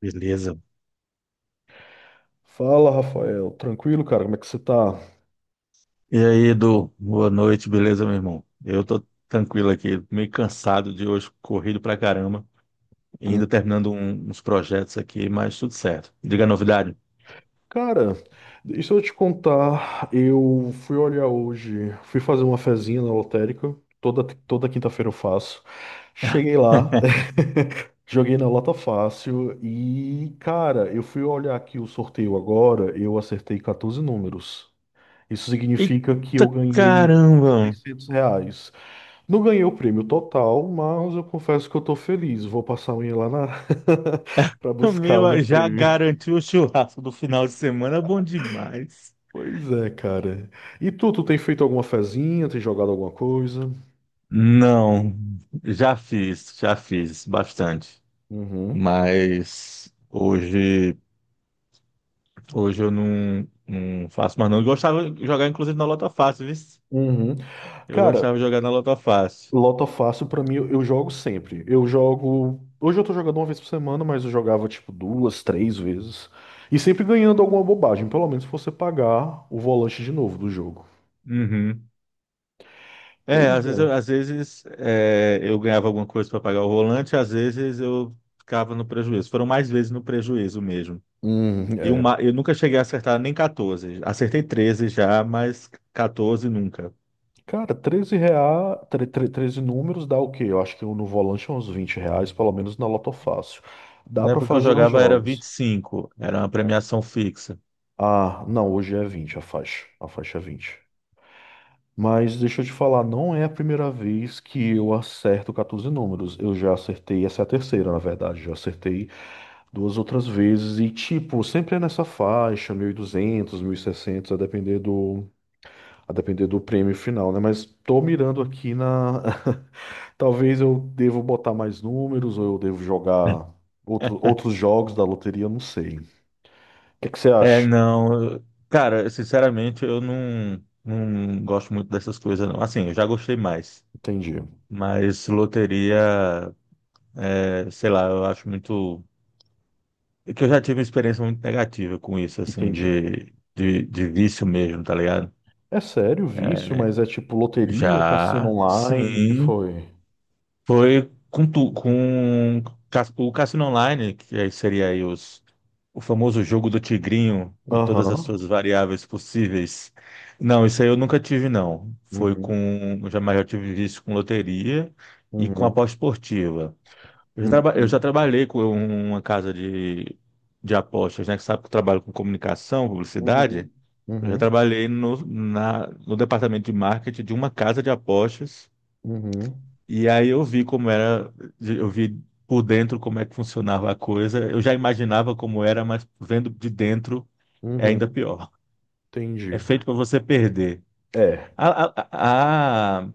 Beleza. Fala, Rafael. Tranquilo, cara? Como é que você tá? E aí, Edu, boa noite, beleza, meu irmão? Eu tô tranquilo aqui, meio cansado de hoje, corrido pra caramba, e Hum, ainda terminando uns projetos aqui, mas tudo certo. Diga a novidade. Cara, deixa eu te contar. Eu fui olhar hoje, fui fazer uma fezinha na lotérica. Toda quinta-feira eu faço. Cheguei lá, joguei na Lota Fácil e, cara, eu fui olhar aqui o sorteio agora. Eu acertei 14 números. Isso significa que Eita eu ganhei caramba! R$ 600. Não ganhei o prêmio total, mas eu confesso que eu tô feliz. Vou passar amanhã lá na para buscar o Meu, meu já prêmio. garantiu o churrasco do final de semana, bom demais. Pois é, cara. E tu tem feito alguma fezinha, tem jogado alguma coisa? Não, já fiz bastante, Uhum. mas hoje eu não faço mais não. Eu gostava de jogar, inclusive, na Lota Fácil, viu? Uhum. Eu Cara, gostava de jogar na Lota Fácil. Lota Fácil pra mim eu jogo sempre. Eu jogo. Hoje eu tô jogando uma vez por semana, mas eu jogava tipo duas, três vezes. E sempre ganhando alguma bobagem, pelo menos se você pagar o volante de novo do jogo. Uhum. Pois É, às vezes, é. às vezes eu ganhava alguma coisa para pagar o volante, às vezes eu ficava no prejuízo. Foram mais vezes no prejuízo mesmo. E É. uma, eu nunca cheguei a acertar nem 14. Acertei 13 já, mas 14 nunca. Cara, R$ 13, 13 números dá o quê? Eu acho que no volante é uns R$ 20, pelo menos na Lotofácil. Dá Na pra época que eu fazer uns jogava era vinte jogos. e cinco. Era uma premiação fixa. Ah, não, hoje é 20, a faixa. A faixa é 20. Mas deixa eu te falar, não é a primeira vez que eu acerto 14 números. Eu já acertei, essa é a terceira, na verdade. Já acertei duas outras vezes e, tipo, sempre é nessa faixa, mil e duzentos, 1.600, a depender do prêmio final, né? Mas tô mirando aqui na Talvez eu devo botar mais números ou eu devo jogar outro, outros jogos da loteria, eu não sei. O que é que você É, acha? não. Cara, sinceramente, eu não gosto muito dessas coisas, não. Assim, eu já gostei mais. Entendi, Mas loteria. É, sei lá, eu acho muito. É que eu já tive uma experiência muito negativa com isso, assim, entendi. de vício mesmo, tá ligado? É sério, vício, mas é tipo loteria, cassino Já, online, o que sim, foi? foi com o Cassino Online, que aí seria aí o famoso jogo do tigrinho e todas as Aham. suas variáveis possíveis. Não, isso aí eu nunca tive, não. Uhum. Eu jamais eu tive vício com loteria e com Uhum. aposta esportiva. Eu já, traba- eu Uhum. já trabalhei com uma casa de apostas, né? Que sabe que eu trabalho com comunicação, publicidade. Uhum. Eu já Uhum. trabalhei no departamento de marketing de uma casa de apostas. Uhum. E aí eu vi como era, eu vi por dentro como é que funcionava a coisa. Eu já imaginava como era, mas vendo de dentro é ainda Uhum. pior. É Entendi. feito para você perder. É, A, a, a-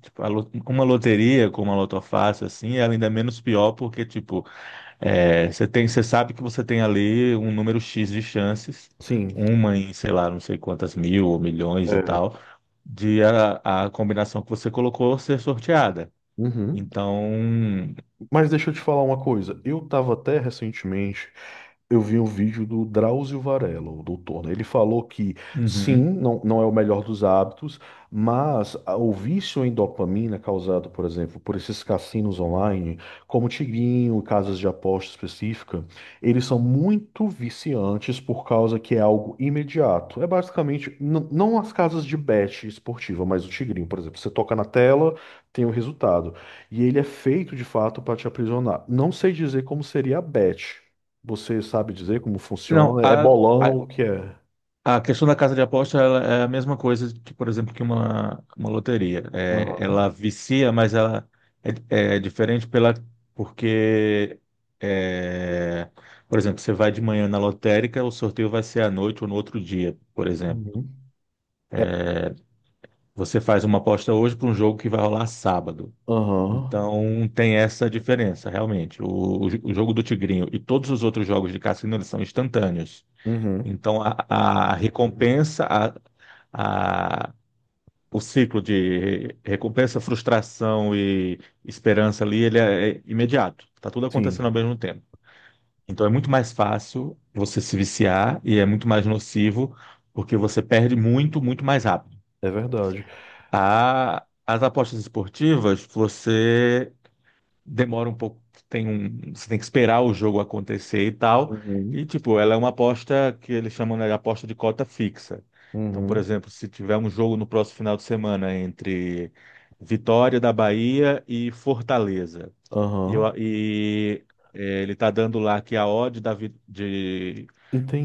tipo, uma loteria com uma lotofácil, assim, é ainda menos pior porque, tipo, é, você tem, você sabe que você tem ali um número X de chances, sim. uma em, sei lá, não sei quantas mil ou milhões e É. tal, de a combinação que você colocou ser sorteada. Uhum. Então, Mas deixa eu te falar uma coisa. Eu tava até recentemente, eu vi um vídeo do Drauzio Varela, o doutor, né? Ele falou que sim, uhum. não é o melhor dos hábitos, mas o vício em dopamina causado, por exemplo, por esses cassinos online, como Tigrinho, casas de aposta específica, eles são muito viciantes por causa que é algo imediato. É basicamente, não as casas de bet esportiva, mas o Tigrinho, por exemplo. Você toca na tela, tem o resultado. E ele é feito de fato para te aprisionar. Não sei dizer como seria a bet. Você sabe dizer como Não, funciona? É bolão, o que é? a questão da casa de aposta ela é a mesma coisa, que, por exemplo, que uma loteria. É, ela Aham. vicia, mas ela é diferente pela, porque, é, por exemplo, você vai de manhã na lotérica, o sorteio vai ser à noite ou no outro dia, por exemplo. Uhum. É. Você faz uma aposta hoje para um jogo que vai rolar sábado. Aham. Então tem essa diferença, realmente. O jogo do Tigrinho e todos os outros jogos de cassino, eles são instantâneos. Uhum. Então a recompensa, a o ciclo de recompensa, frustração e esperança ali, ele é imediato. Tá tudo acontecendo ao Sim, mesmo tempo. Então é muito mais fácil você se viciar e é muito mais nocivo porque você perde muito, muito mais rápido. é verdade. As apostas esportivas, você demora um pouco, você tem que esperar o jogo acontecer e tal. Uhum. E, tipo, ela é uma aposta que eles chamam, né, de aposta de cota fixa. Então, por Uhum. exemplo, se tiver um jogo no próximo final de semana entre Vitória da Bahia e Fortaleza, e, Aham. eu- e, ele tá dando lá que a odd de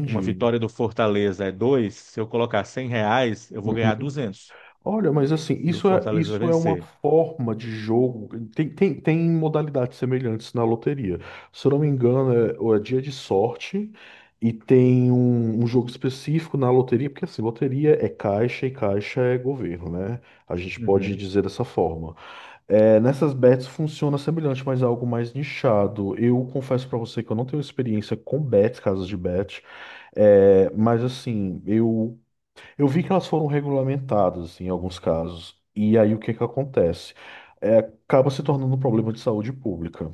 uma vitória do Fortaleza é dois. Se eu colocar R$ 100, eu vou ganhar Uhum. 200 Olha, mas assim, e o isso é, Fortaleza vai isso é uma vencer. forma de jogo. Tem modalidades semelhantes na loteria. Se eu não me engano, é, ou é dia de sorte e tem um jogo específico na loteria, porque assim, loteria é caixa e caixa é governo, né? A gente pode Uhum. dizer dessa forma. É, nessas bets funciona semelhante, mas é algo mais nichado. Eu confesso pra você que eu não tenho experiência com bets, casas de bet. É, mas assim, eu vi que elas foram regulamentadas em alguns casos. E aí o que que acontece? É, acaba se tornando um problema de saúde pública.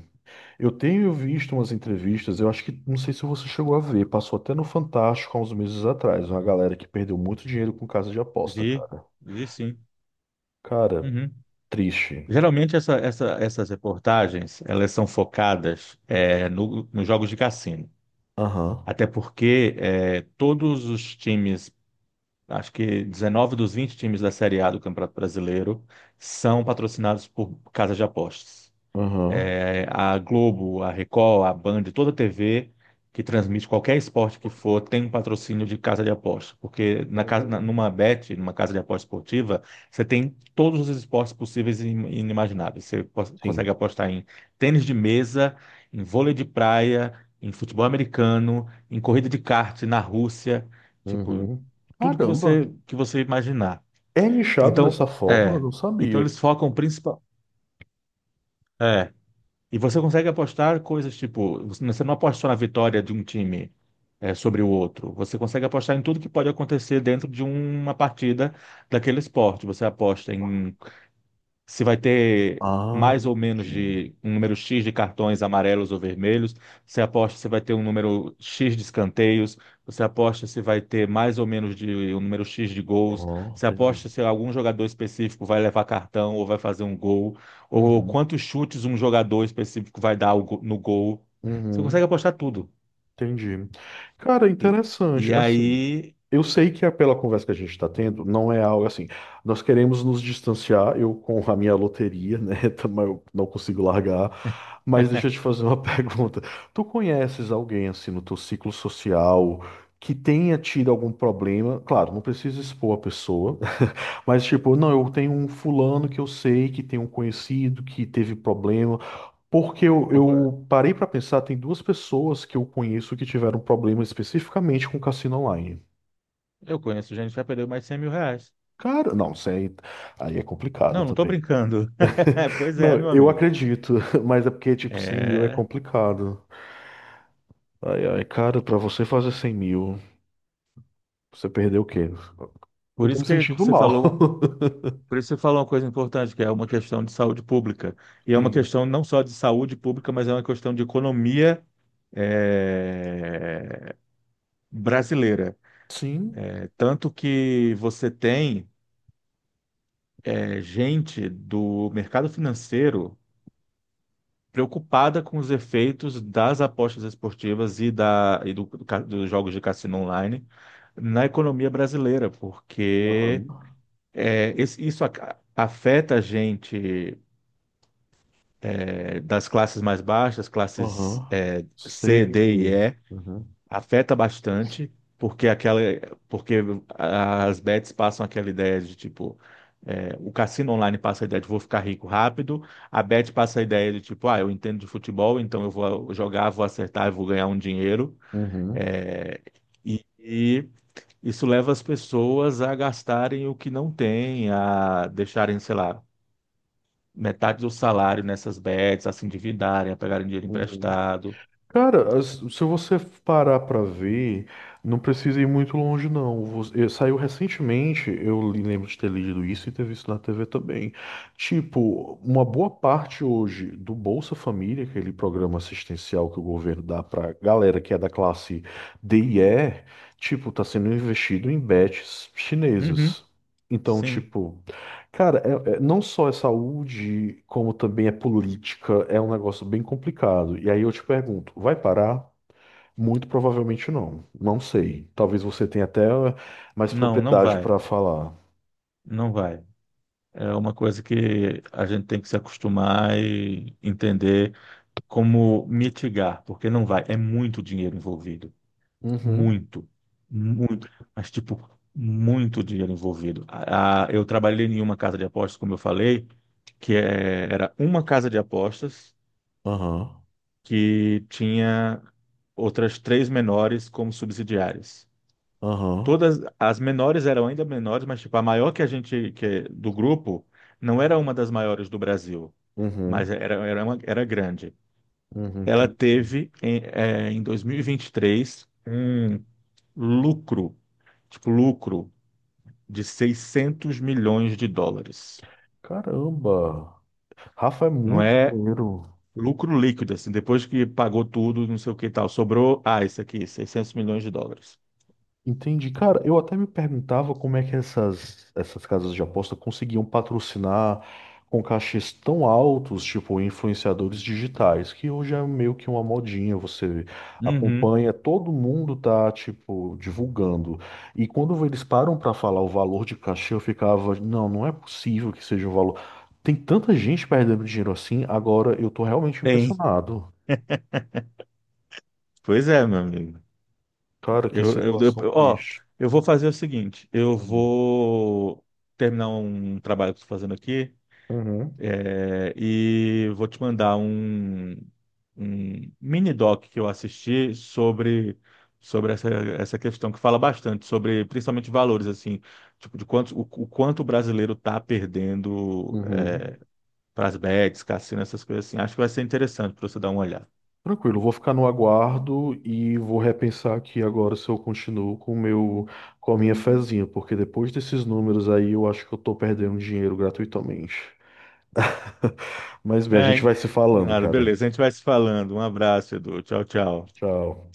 Eu tenho visto umas entrevistas, eu acho que, não sei se você chegou a ver, passou até no Fantástico há uns meses atrás, uma galera que perdeu muito dinheiro com casa de aposta, Vi, cara. vi sim. Cara, Uhum. triste. Geralmente essas reportagens elas são focadas nos jogos de cassino. Aham, Até porque é, todos os times, acho que 19 dos 20 times da Série A do Campeonato Brasileiro são patrocinados por casas de apostas aham. é, A Globo, a Record, a Band, toda TV que transmite qualquer esporte que for tem um patrocínio de casa de aposta, porque na casa, Uhum. numa bet, numa casa de aposta esportiva, você tem todos os esportes possíveis e inimagináveis. Consegue Sim. apostar em tênis de mesa, em vôlei de praia, em futebol americano, em corrida de kart na Rússia, tipo, Uhum. tudo que Caramba. você imaginar. É nichado Então, dessa forma? Eu é, não então, sabia. eles focam principal é, e você consegue apostar coisas tipo, você não aposta só na vitória de um time, sobre o outro. Você consegue apostar em tudo que pode acontecer dentro de uma partida daquele esporte. Você aposta em se vai ter Ah, mais ou menos entendi. de um número X de cartões amarelos ou vermelhos, você aposta se vai ter um número X de escanteios, você aposta se vai ter mais ou menos de um número X de gols, Aham, você entendi. aposta se algum jogador específico vai levar cartão ou vai fazer um gol, ou Uhum, quantos chutes um jogador específico vai dar ao no gol. Você consegue uhum. apostar tudo. Entendi. Cara, E, interessante. e Assim, aí, eu sei que é pela conversa que a gente está tendo, não é algo assim. Nós queremos nos distanciar, eu com a minha loteria, né? Também eu não consigo largar. Mas deixa eu te fazer uma pergunta. Tu conheces alguém assim no teu ciclo social que tenha tido algum problema? Claro, não precisa expor a pessoa, mas, tipo, não, eu tenho um fulano que eu sei que tem um conhecido que teve problema. Porque eu, eu co- eu parei pra pensar, tem duas pessoas que eu conheço que tiveram problema especificamente com cassino online. eu conheço gente que já perdeu mais de 100 mil reais. Cara, não, isso aí, aí é complicado Não, não tô também. brincando. Pois Não, é, meu eu amigo. acredito, mas é porque, tipo, 100 mil é É. complicado. Ai, ai, cara, pra você fazer 100 mil, você perdeu o quê? Eu Por tô isso me que sentindo você mal. falou, por isso que você falou uma coisa importante, que é uma questão de saúde pública. E é uma Sim. questão não só de saúde pública, mas é uma questão de economia eh, brasileira. Sim. Tanto que você tem gente do mercado financeiro preocupada com os efeitos das apostas esportivas e, da, e do dos jogos de cassino online na economia brasileira, porque Aham. isso afeta a gente das classes mais baixas, classes Aham. Sei. C, D e E, Uhum. afeta bastante, porque aquela, porque as bets passam aquela ideia de tipo, o cassino online passa a ideia de vou ficar rico rápido, a bet passa a ideia de tipo, ah, eu entendo de futebol, então eu vou jogar, vou acertar, eu vou ganhar um dinheiro, Uhum. eh, e isso leva as pessoas a gastarem o que não têm, a deixarem, sei lá, metade do salário nessas bets, a se endividarem, a pegarem dinheiro Uhum. emprestado. Cara, se você parar pra ver, não precisa ir muito longe, não. Saiu recentemente, eu lembro de ter lido isso e ter visto na TV também. Tipo, uma boa parte hoje do Bolsa Família, aquele programa assistencial que o governo dá pra galera que é da classe D e E, tipo, tá sendo investido em bets Uhum, chinesas. Então, sim. tipo. Cara, não só é saúde, como também é política, é um negócio bem complicado. E aí eu te pergunto, vai parar? Muito provavelmente não. Não sei. Talvez você tenha até mais Não, não propriedade vai. para falar. Não vai. É uma coisa que a gente tem que se acostumar e entender como mitigar, porque não vai. É muito dinheiro envolvido. Uhum, Muito. Muito. Mas, tipo, muito dinheiro envolvido. Eu trabalhei em uma casa de apostas, como eu falei, que era uma casa de apostas aham, que tinha outras três menores como subsidiárias. aham, Todas as menores eram ainda menores, mas tipo a maior que a gente que é do grupo não era uma das maiores do Brasil, mas uhum, era uma, era grande. uhum, Ela entendi. teve em, em 2023 um lucro, tipo lucro de US$ 600 milhões. Caramba, Rafa é Não muito é dinheiro. lucro líquido assim, depois que pagou tudo, não sei o que e tal, sobrou, ah, isso aqui, US$ 600 milhões. Entendi. Cara, eu até me perguntava como é que essas casas de aposta conseguiam patrocinar com cachês tão altos, tipo influenciadores digitais, que hoje é meio que uma modinha, você Uhum. acompanha, todo mundo tá, tipo, divulgando. E quando eles param para falar o valor de cachê, eu ficava, não, não é possível que seja um valor. Tem tanta gente perdendo dinheiro assim, agora eu tô realmente Tem. impressionado. Pois é, meu amigo. Cara, que situação Ó, triste. eu vou fazer o seguinte: eu vou terminar um trabalho que estou fazendo aqui, Uhum. E vou te mandar um mini doc que eu assisti sobre, sobre essa, essa questão que fala bastante sobre, principalmente valores assim, tipo de quanto o quanto o brasileiro está perdendo Uhum. para as bets, cassino, essas coisas assim. Acho que vai ser interessante para você dar uma olhada. Tranquilo, vou ficar no aguardo e vou repensar aqui agora se eu continuo com o meu, com a minha fezinha, porque depois desses números aí eu acho que eu tô perdendo dinheiro gratuitamente. Mas bem, a gente Ai, vai se falando, claro, cara. beleza. A gente vai se falando. Um abraço, Edu. Tchau, tchau. Tchau.